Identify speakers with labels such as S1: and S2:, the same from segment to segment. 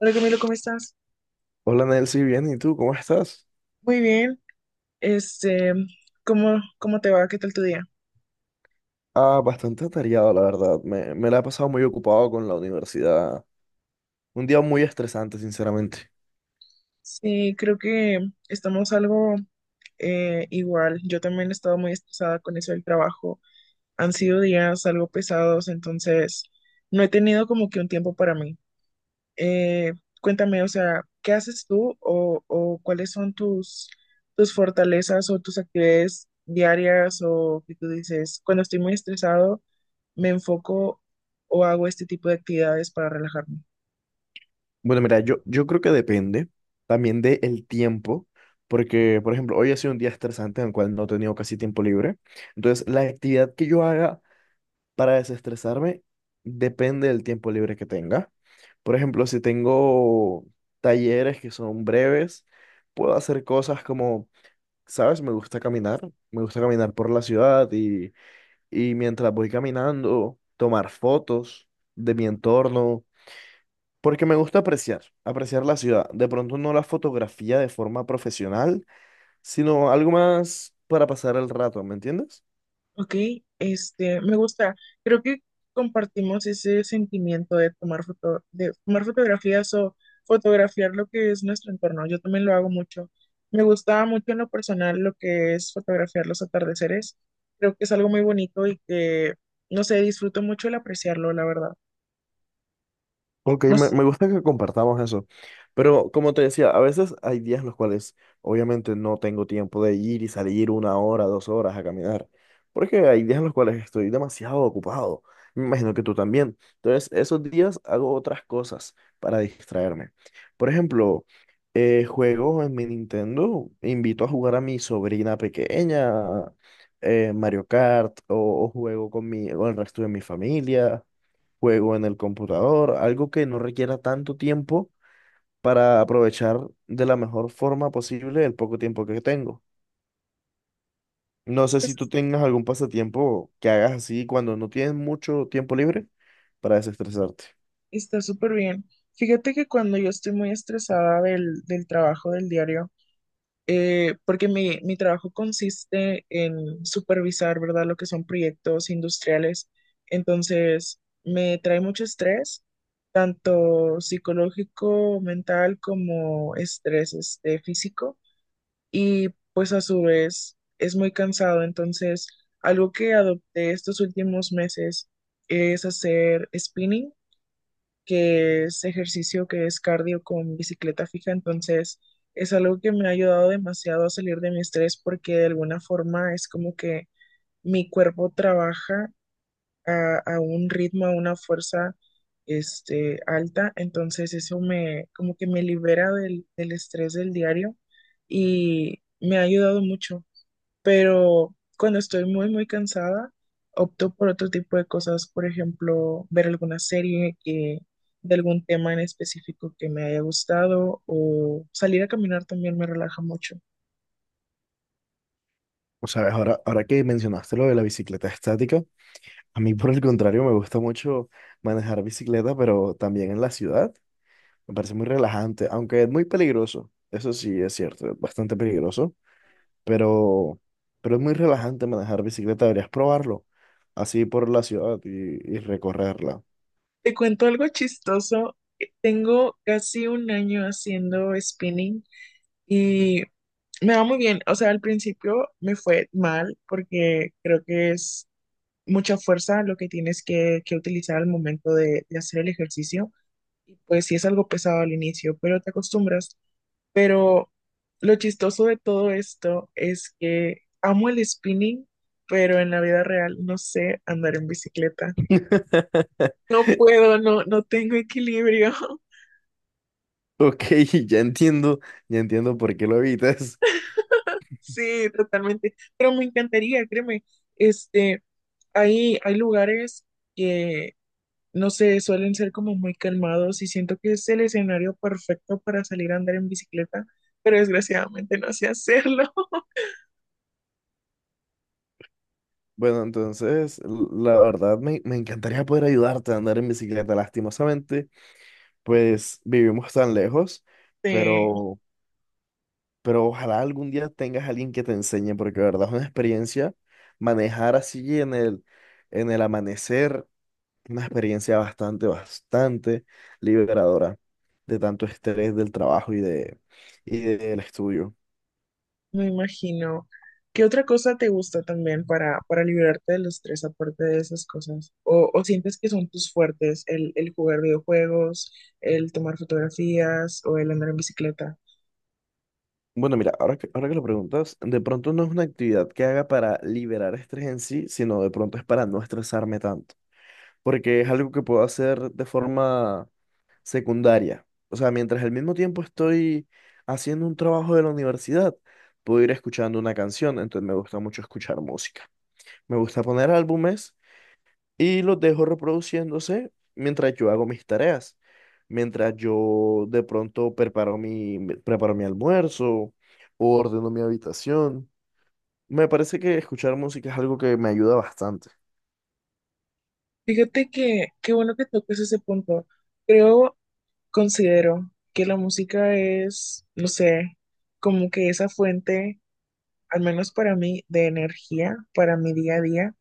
S1: Hola Camilo, ¿cómo estás?
S2: Hola Nelcy, bien, ¿y tú cómo estás?
S1: Muy bien. Este, ¿cómo te va? ¿Qué tal tu día?
S2: Ah, bastante atareado, la verdad. Me la he pasado muy ocupado con la universidad. Un día muy estresante, sinceramente.
S1: Sí, creo que estamos algo igual. Yo también he estado muy estresada con eso del trabajo. Han sido días algo pesados, entonces no he tenido como que un tiempo para mí. Eh, cuéntame, o sea, ¿qué haces tú o cuáles son tus fortalezas o tus actividades diarias o que tú dices, ¿cuando estoy muy estresado me enfoco o hago este tipo de actividades para relajarme?
S2: Bueno, mira, yo creo que depende también del tiempo, porque, por ejemplo, hoy ha sido un día estresante en el cual no he tenido casi tiempo libre. Entonces, la actividad que yo haga para desestresarme depende del tiempo libre que tenga. Por ejemplo, si tengo talleres que son breves, puedo hacer cosas como ¿sabes? Me gusta caminar por la ciudad y mientras voy caminando, tomar fotos de mi entorno, porque me gusta apreciar, apreciar la ciudad. De pronto no la fotografía de forma profesional, sino algo más para pasar el rato, ¿me entiendes?
S1: Ok, me gusta. Creo que compartimos ese sentimiento de tomar foto, de tomar fotografías o fotografiar lo que es nuestro entorno. Yo también lo hago mucho. Me gusta mucho en lo personal lo que es fotografiar los atardeceres. Creo que es algo muy bonito y que, no sé, disfruto mucho el apreciarlo, la verdad.
S2: Ok,
S1: No
S2: me,
S1: sé,
S2: me gusta que compartamos eso. Pero como te decía, a veces hay días en los cuales obviamente no tengo tiempo de ir y salir una hora, dos horas a caminar. Porque hay días en los cuales estoy demasiado ocupado. Me imagino que tú también. Entonces, esos días hago otras cosas para distraerme. Por ejemplo, juego en mi Nintendo, invito a jugar a mi sobrina pequeña, Mario Kart, o juego con mi, con el resto de mi familia, juego en el computador, algo que no requiera tanto tiempo para aprovechar de la mejor forma posible el poco tiempo que tengo. No sé si tú
S1: pues,
S2: tengas algún pasatiempo que hagas así cuando no tienes mucho tiempo libre para desestresarte.
S1: está súper bien. Fíjate que cuando yo estoy muy estresada del trabajo del diario, porque mi trabajo consiste en supervisar, ¿verdad? Lo que son proyectos industriales. Entonces, me trae mucho estrés, tanto psicológico, mental, como estrés, físico. Y pues a su vez es muy cansado. Entonces, algo que adopté estos últimos meses es hacer spinning, que es ejercicio, que es cardio con bicicleta fija, entonces es algo que me ha ayudado demasiado a salir de mi estrés porque de alguna forma es como que mi cuerpo trabaja a un ritmo, a una fuerza alta, entonces eso me como que me libera del estrés del diario y me ha ayudado mucho, pero cuando estoy muy cansada, opto por otro tipo de cosas, por ejemplo, ver alguna serie que, de algún tema en específico que me haya gustado, o salir a caminar también me relaja mucho.
S2: O sabes, ahora que mencionaste lo de la bicicleta estática, a mí por el contrario me gusta mucho manejar bicicleta, pero también en la ciudad. Me parece muy relajante, aunque es muy peligroso. Eso sí es cierto, es bastante peligroso pero, pero es muy relajante manejar bicicleta, deberías probarlo, así por la ciudad y recorrerla.
S1: Te cuento algo chistoso. Tengo casi un año haciendo spinning y me va muy bien. O sea, al principio me fue mal porque creo que es mucha fuerza lo que tienes que utilizar al momento de hacer el ejercicio, y pues sí es algo pesado al inicio, pero te acostumbras. Pero lo chistoso de todo esto es que amo el spinning, pero en la vida real no sé andar en bicicleta. No puedo, no, no tengo equilibrio.
S2: Ok, ya entiendo, ya entiendo por qué lo evitas.
S1: Sí, totalmente. Pero me encantaría, créeme. Este, hay lugares que, no sé, suelen ser como muy calmados y siento que es el escenario perfecto para salir a andar en bicicleta, pero desgraciadamente no sé hacerlo.
S2: Bueno, entonces, la verdad me encantaría poder ayudarte a andar en bicicleta. Lastimosamente, pues vivimos tan lejos,
S1: Sí.
S2: pero, pero ojalá algún día tengas a alguien que te enseñe, porque de verdad es una experiencia manejar así en el amanecer. Una experiencia bastante, bastante liberadora de tanto estrés del trabajo y del estudio.
S1: Me imagino. ¿Qué otra cosa te gusta también para liberarte del estrés aparte de esas cosas? O sientes que son tus fuertes el jugar videojuegos, el tomar fotografías o el andar en bicicleta?
S2: Bueno, mira, ahora que lo preguntas, de pronto no es una actividad que haga para liberar estrés en sí, sino de pronto es para no estresarme tanto, porque es algo que puedo hacer de forma secundaria. O sea, mientras al mismo tiempo estoy haciendo un trabajo de la universidad, puedo ir escuchando una canción, entonces me gusta mucho escuchar música. Me gusta poner álbumes y los dejo reproduciéndose mientras yo hago mis tareas, mientras yo de pronto preparo mi almuerzo o ordeno mi habitación. Me parece que escuchar música es algo que me ayuda bastante.
S1: Fíjate que qué bueno que toques ese punto. Creo, considero que la música es, no sé, como que esa fuente, al menos para mí, de energía para mi día a día.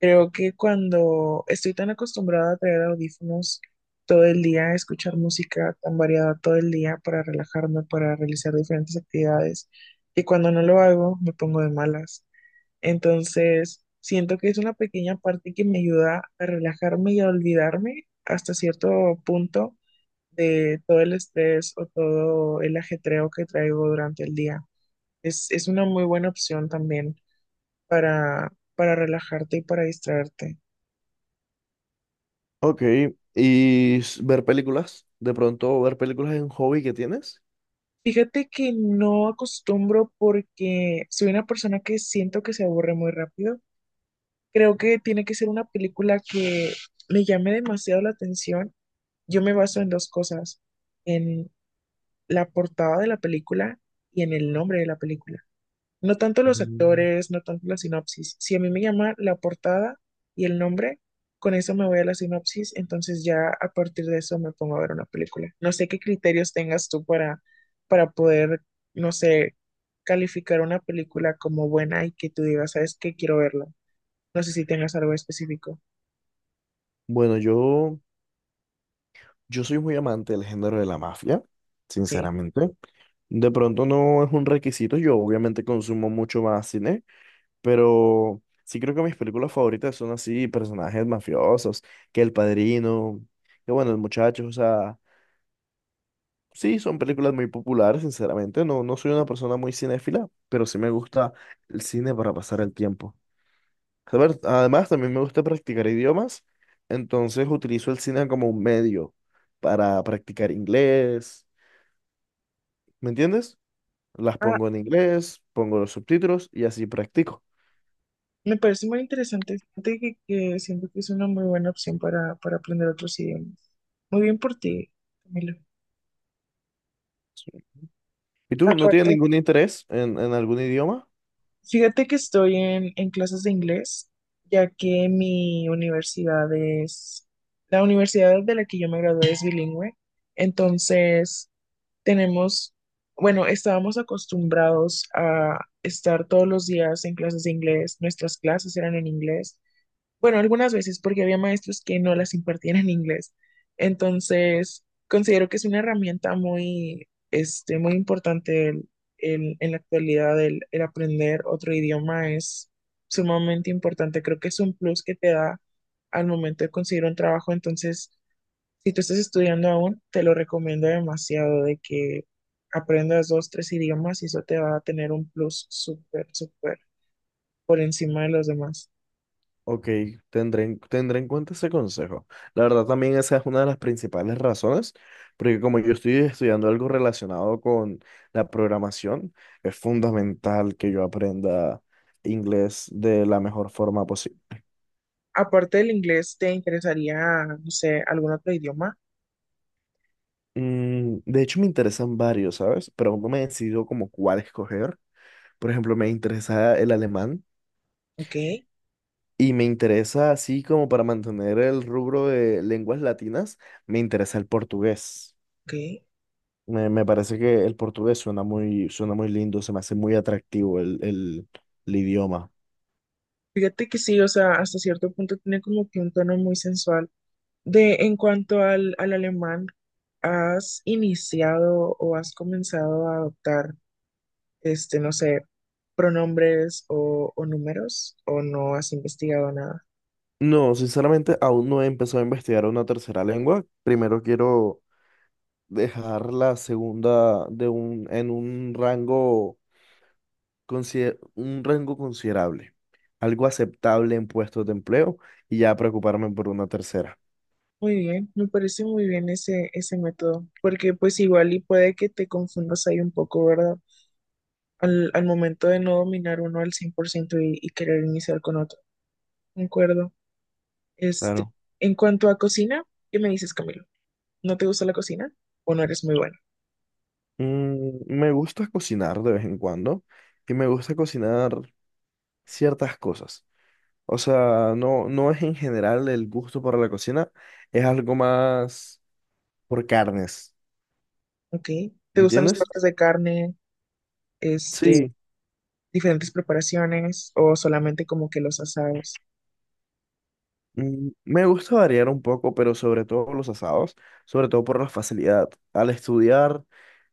S1: Creo que cuando estoy tan acostumbrada a traer audífonos todo el día, a escuchar música tan variada todo el día para relajarme, para realizar diferentes actividades, que cuando no lo hago me pongo de malas. Entonces, siento que es una pequeña parte que me ayuda a relajarme y a olvidarme hasta cierto punto de todo el estrés o todo el ajetreo que traigo durante el día. Es una muy buena opción también para relajarte y para distraerte.
S2: Ok, ¿y ver películas? ¿De pronto ver películas es un hobby que tienes?
S1: Fíjate que no acostumbro porque soy una persona que siento que se aburre muy rápido. Creo que tiene que ser una película que me llame demasiado la atención. Yo me baso en dos cosas, en la portada de la película y en el nombre de la película. No tanto los
S2: Mm.
S1: actores, no tanto la sinopsis. Si a mí me llama la portada y el nombre, con eso me voy a la sinopsis, entonces ya a partir de eso me pongo a ver una película. No sé qué criterios tengas tú para poder, no sé, calificar una película como buena y que tú digas, ¿sabes qué? Quiero verla. No sé si tengas algo específico.
S2: Bueno, yo soy muy amante del género de la mafia,
S1: Ok.
S2: sinceramente. De pronto no es un requisito, yo obviamente consumo mucho más cine. Pero sí creo que mis películas favoritas son así, personajes mafiosos, que El Padrino, que bueno, El Muchacho, o sea, sí, son películas muy populares, sinceramente. No, no soy una persona muy cinéfila, pero sí me gusta el cine para pasar el tiempo. A ver, además, también me gusta practicar idiomas, entonces utilizo el cine como un medio para practicar inglés, ¿me entiendes? Las
S1: Ah,
S2: pongo en inglés, pongo los subtítulos y así practico.
S1: me parece muy interesante. Fíjate que siento que es una muy buena opción para aprender otros idiomas. Muy bien por ti, Camilo.
S2: Sí. ¿Y tú no tienes
S1: Aparte,
S2: ningún interés en algún idioma?
S1: fíjate que estoy en clases de inglés, ya que mi universidad es, la universidad de la que yo me gradué es bilingüe. Entonces, tenemos, bueno, estábamos acostumbrados a estar todos los días en clases de inglés. Nuestras clases eran en inglés. Bueno, algunas veces porque había maestros que no las impartían en inglés. Entonces, considero que es una herramienta muy, muy importante en la actualidad. El aprender otro idioma es sumamente importante. Creo que es un plus que te da al momento de conseguir un trabajo. Entonces, si tú estás estudiando aún, te lo recomiendo demasiado de que aprendas dos, tres idiomas y eso te va a tener un plus súper por encima de los demás.
S2: Ok, tendré en cuenta ese consejo. La verdad también esa es una de las principales razones, porque como yo estoy estudiando algo relacionado con la programación, es fundamental que yo aprenda inglés de la mejor forma posible.
S1: Aparte del inglés, ¿te interesaría, no sé, algún otro idioma?
S2: Mm, de hecho, me interesan varios, ¿sabes? Pero aún no me he decidido como cuál escoger. Por ejemplo, me interesa el alemán
S1: Ok,
S2: y me interesa, así como para mantener el rubro de lenguas latinas, me interesa el portugués.
S1: ok.
S2: Me parece que el portugués suena muy lindo, se me hace muy atractivo el idioma.
S1: Fíjate que sí, o sea, hasta cierto punto tiene como que un tono muy sensual. De, en cuanto al alemán, ¿has iniciado o has comenzado a adoptar, no sé, pronombres o números o no has investigado nada?
S2: No, sinceramente aún no he empezado a investigar una tercera lengua. Primero quiero dejar la segunda en un rango, un rango considerable, algo aceptable en puestos de empleo y ya preocuparme por una tercera.
S1: Muy bien, me parece muy bien ese método, porque pues igual y puede que te confundas ahí un poco, ¿verdad? Al momento de no dominar uno al 100% y querer iniciar con otro. De acuerdo. Este,
S2: Claro.
S1: en cuanto a cocina, ¿qué me dices, Camilo? ¿No te gusta la cocina o no eres muy bueno?
S2: Mm, me gusta cocinar de vez en cuando y me gusta cocinar ciertas cosas. O sea, no, no es en general el gusto por la cocina, es algo más por carnes,
S1: Ok. ¿Te
S2: ¿me
S1: gustan los
S2: entiendes?
S1: cortes de carne, este,
S2: Sí,
S1: diferentes preparaciones o solamente como que los asados?
S2: mm, me gusta variar un poco, pero sobre todo los asados, sobre todo por la facilidad. Al estudiar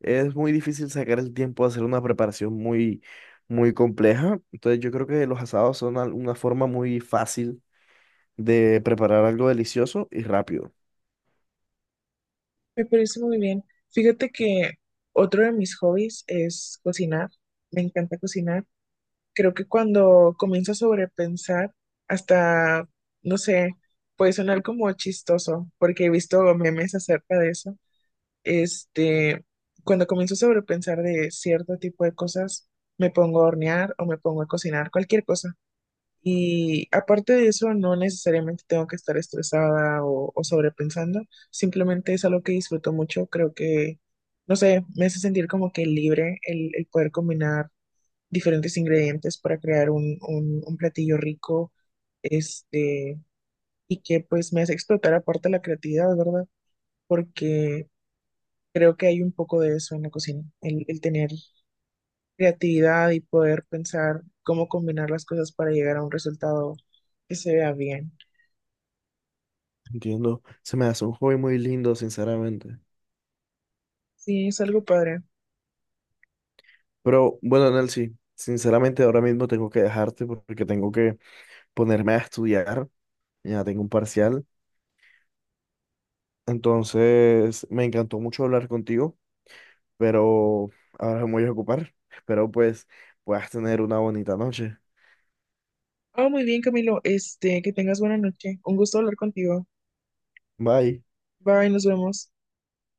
S2: es muy difícil sacar el tiempo de hacer una preparación muy, muy compleja, entonces yo creo que los asados una forma muy fácil de preparar algo delicioso y rápido.
S1: Me parece muy bien. Fíjate que otro de mis hobbies es cocinar. Me encanta cocinar. Creo que cuando comienzo a sobrepensar, hasta, no sé, puede sonar como chistoso, porque he visto memes acerca de eso. Este, cuando comienzo a sobrepensar de cierto tipo de cosas, me pongo a hornear o me pongo a cocinar, cualquier cosa. Y aparte de eso, no necesariamente tengo que estar estresada o sobrepensando, simplemente es algo que disfruto mucho. Creo que, no sé, me hace sentir como que libre el poder combinar diferentes ingredientes para crear un platillo rico, este, y que pues me hace explotar aparte la creatividad, ¿verdad? Porque creo que hay un poco de eso en la cocina, el tener creatividad y poder pensar cómo combinar las cosas para llegar a un resultado que se vea bien.
S2: Entiendo, se me hace un hobby muy lindo, sinceramente.
S1: Sí, es algo padre.
S2: Pero bueno, Nelcy, sinceramente ahora mismo tengo que dejarte porque tengo que ponerme a estudiar. Ya tengo un parcial. Entonces, me encantó mucho hablar contigo, pero ahora me voy a ocupar. Espero pues puedas tener una bonita noche.
S1: Ah, muy bien, Camilo. Este, que tengas buena noche. Un gusto hablar contigo.
S2: Bye.
S1: Bye, nos vemos.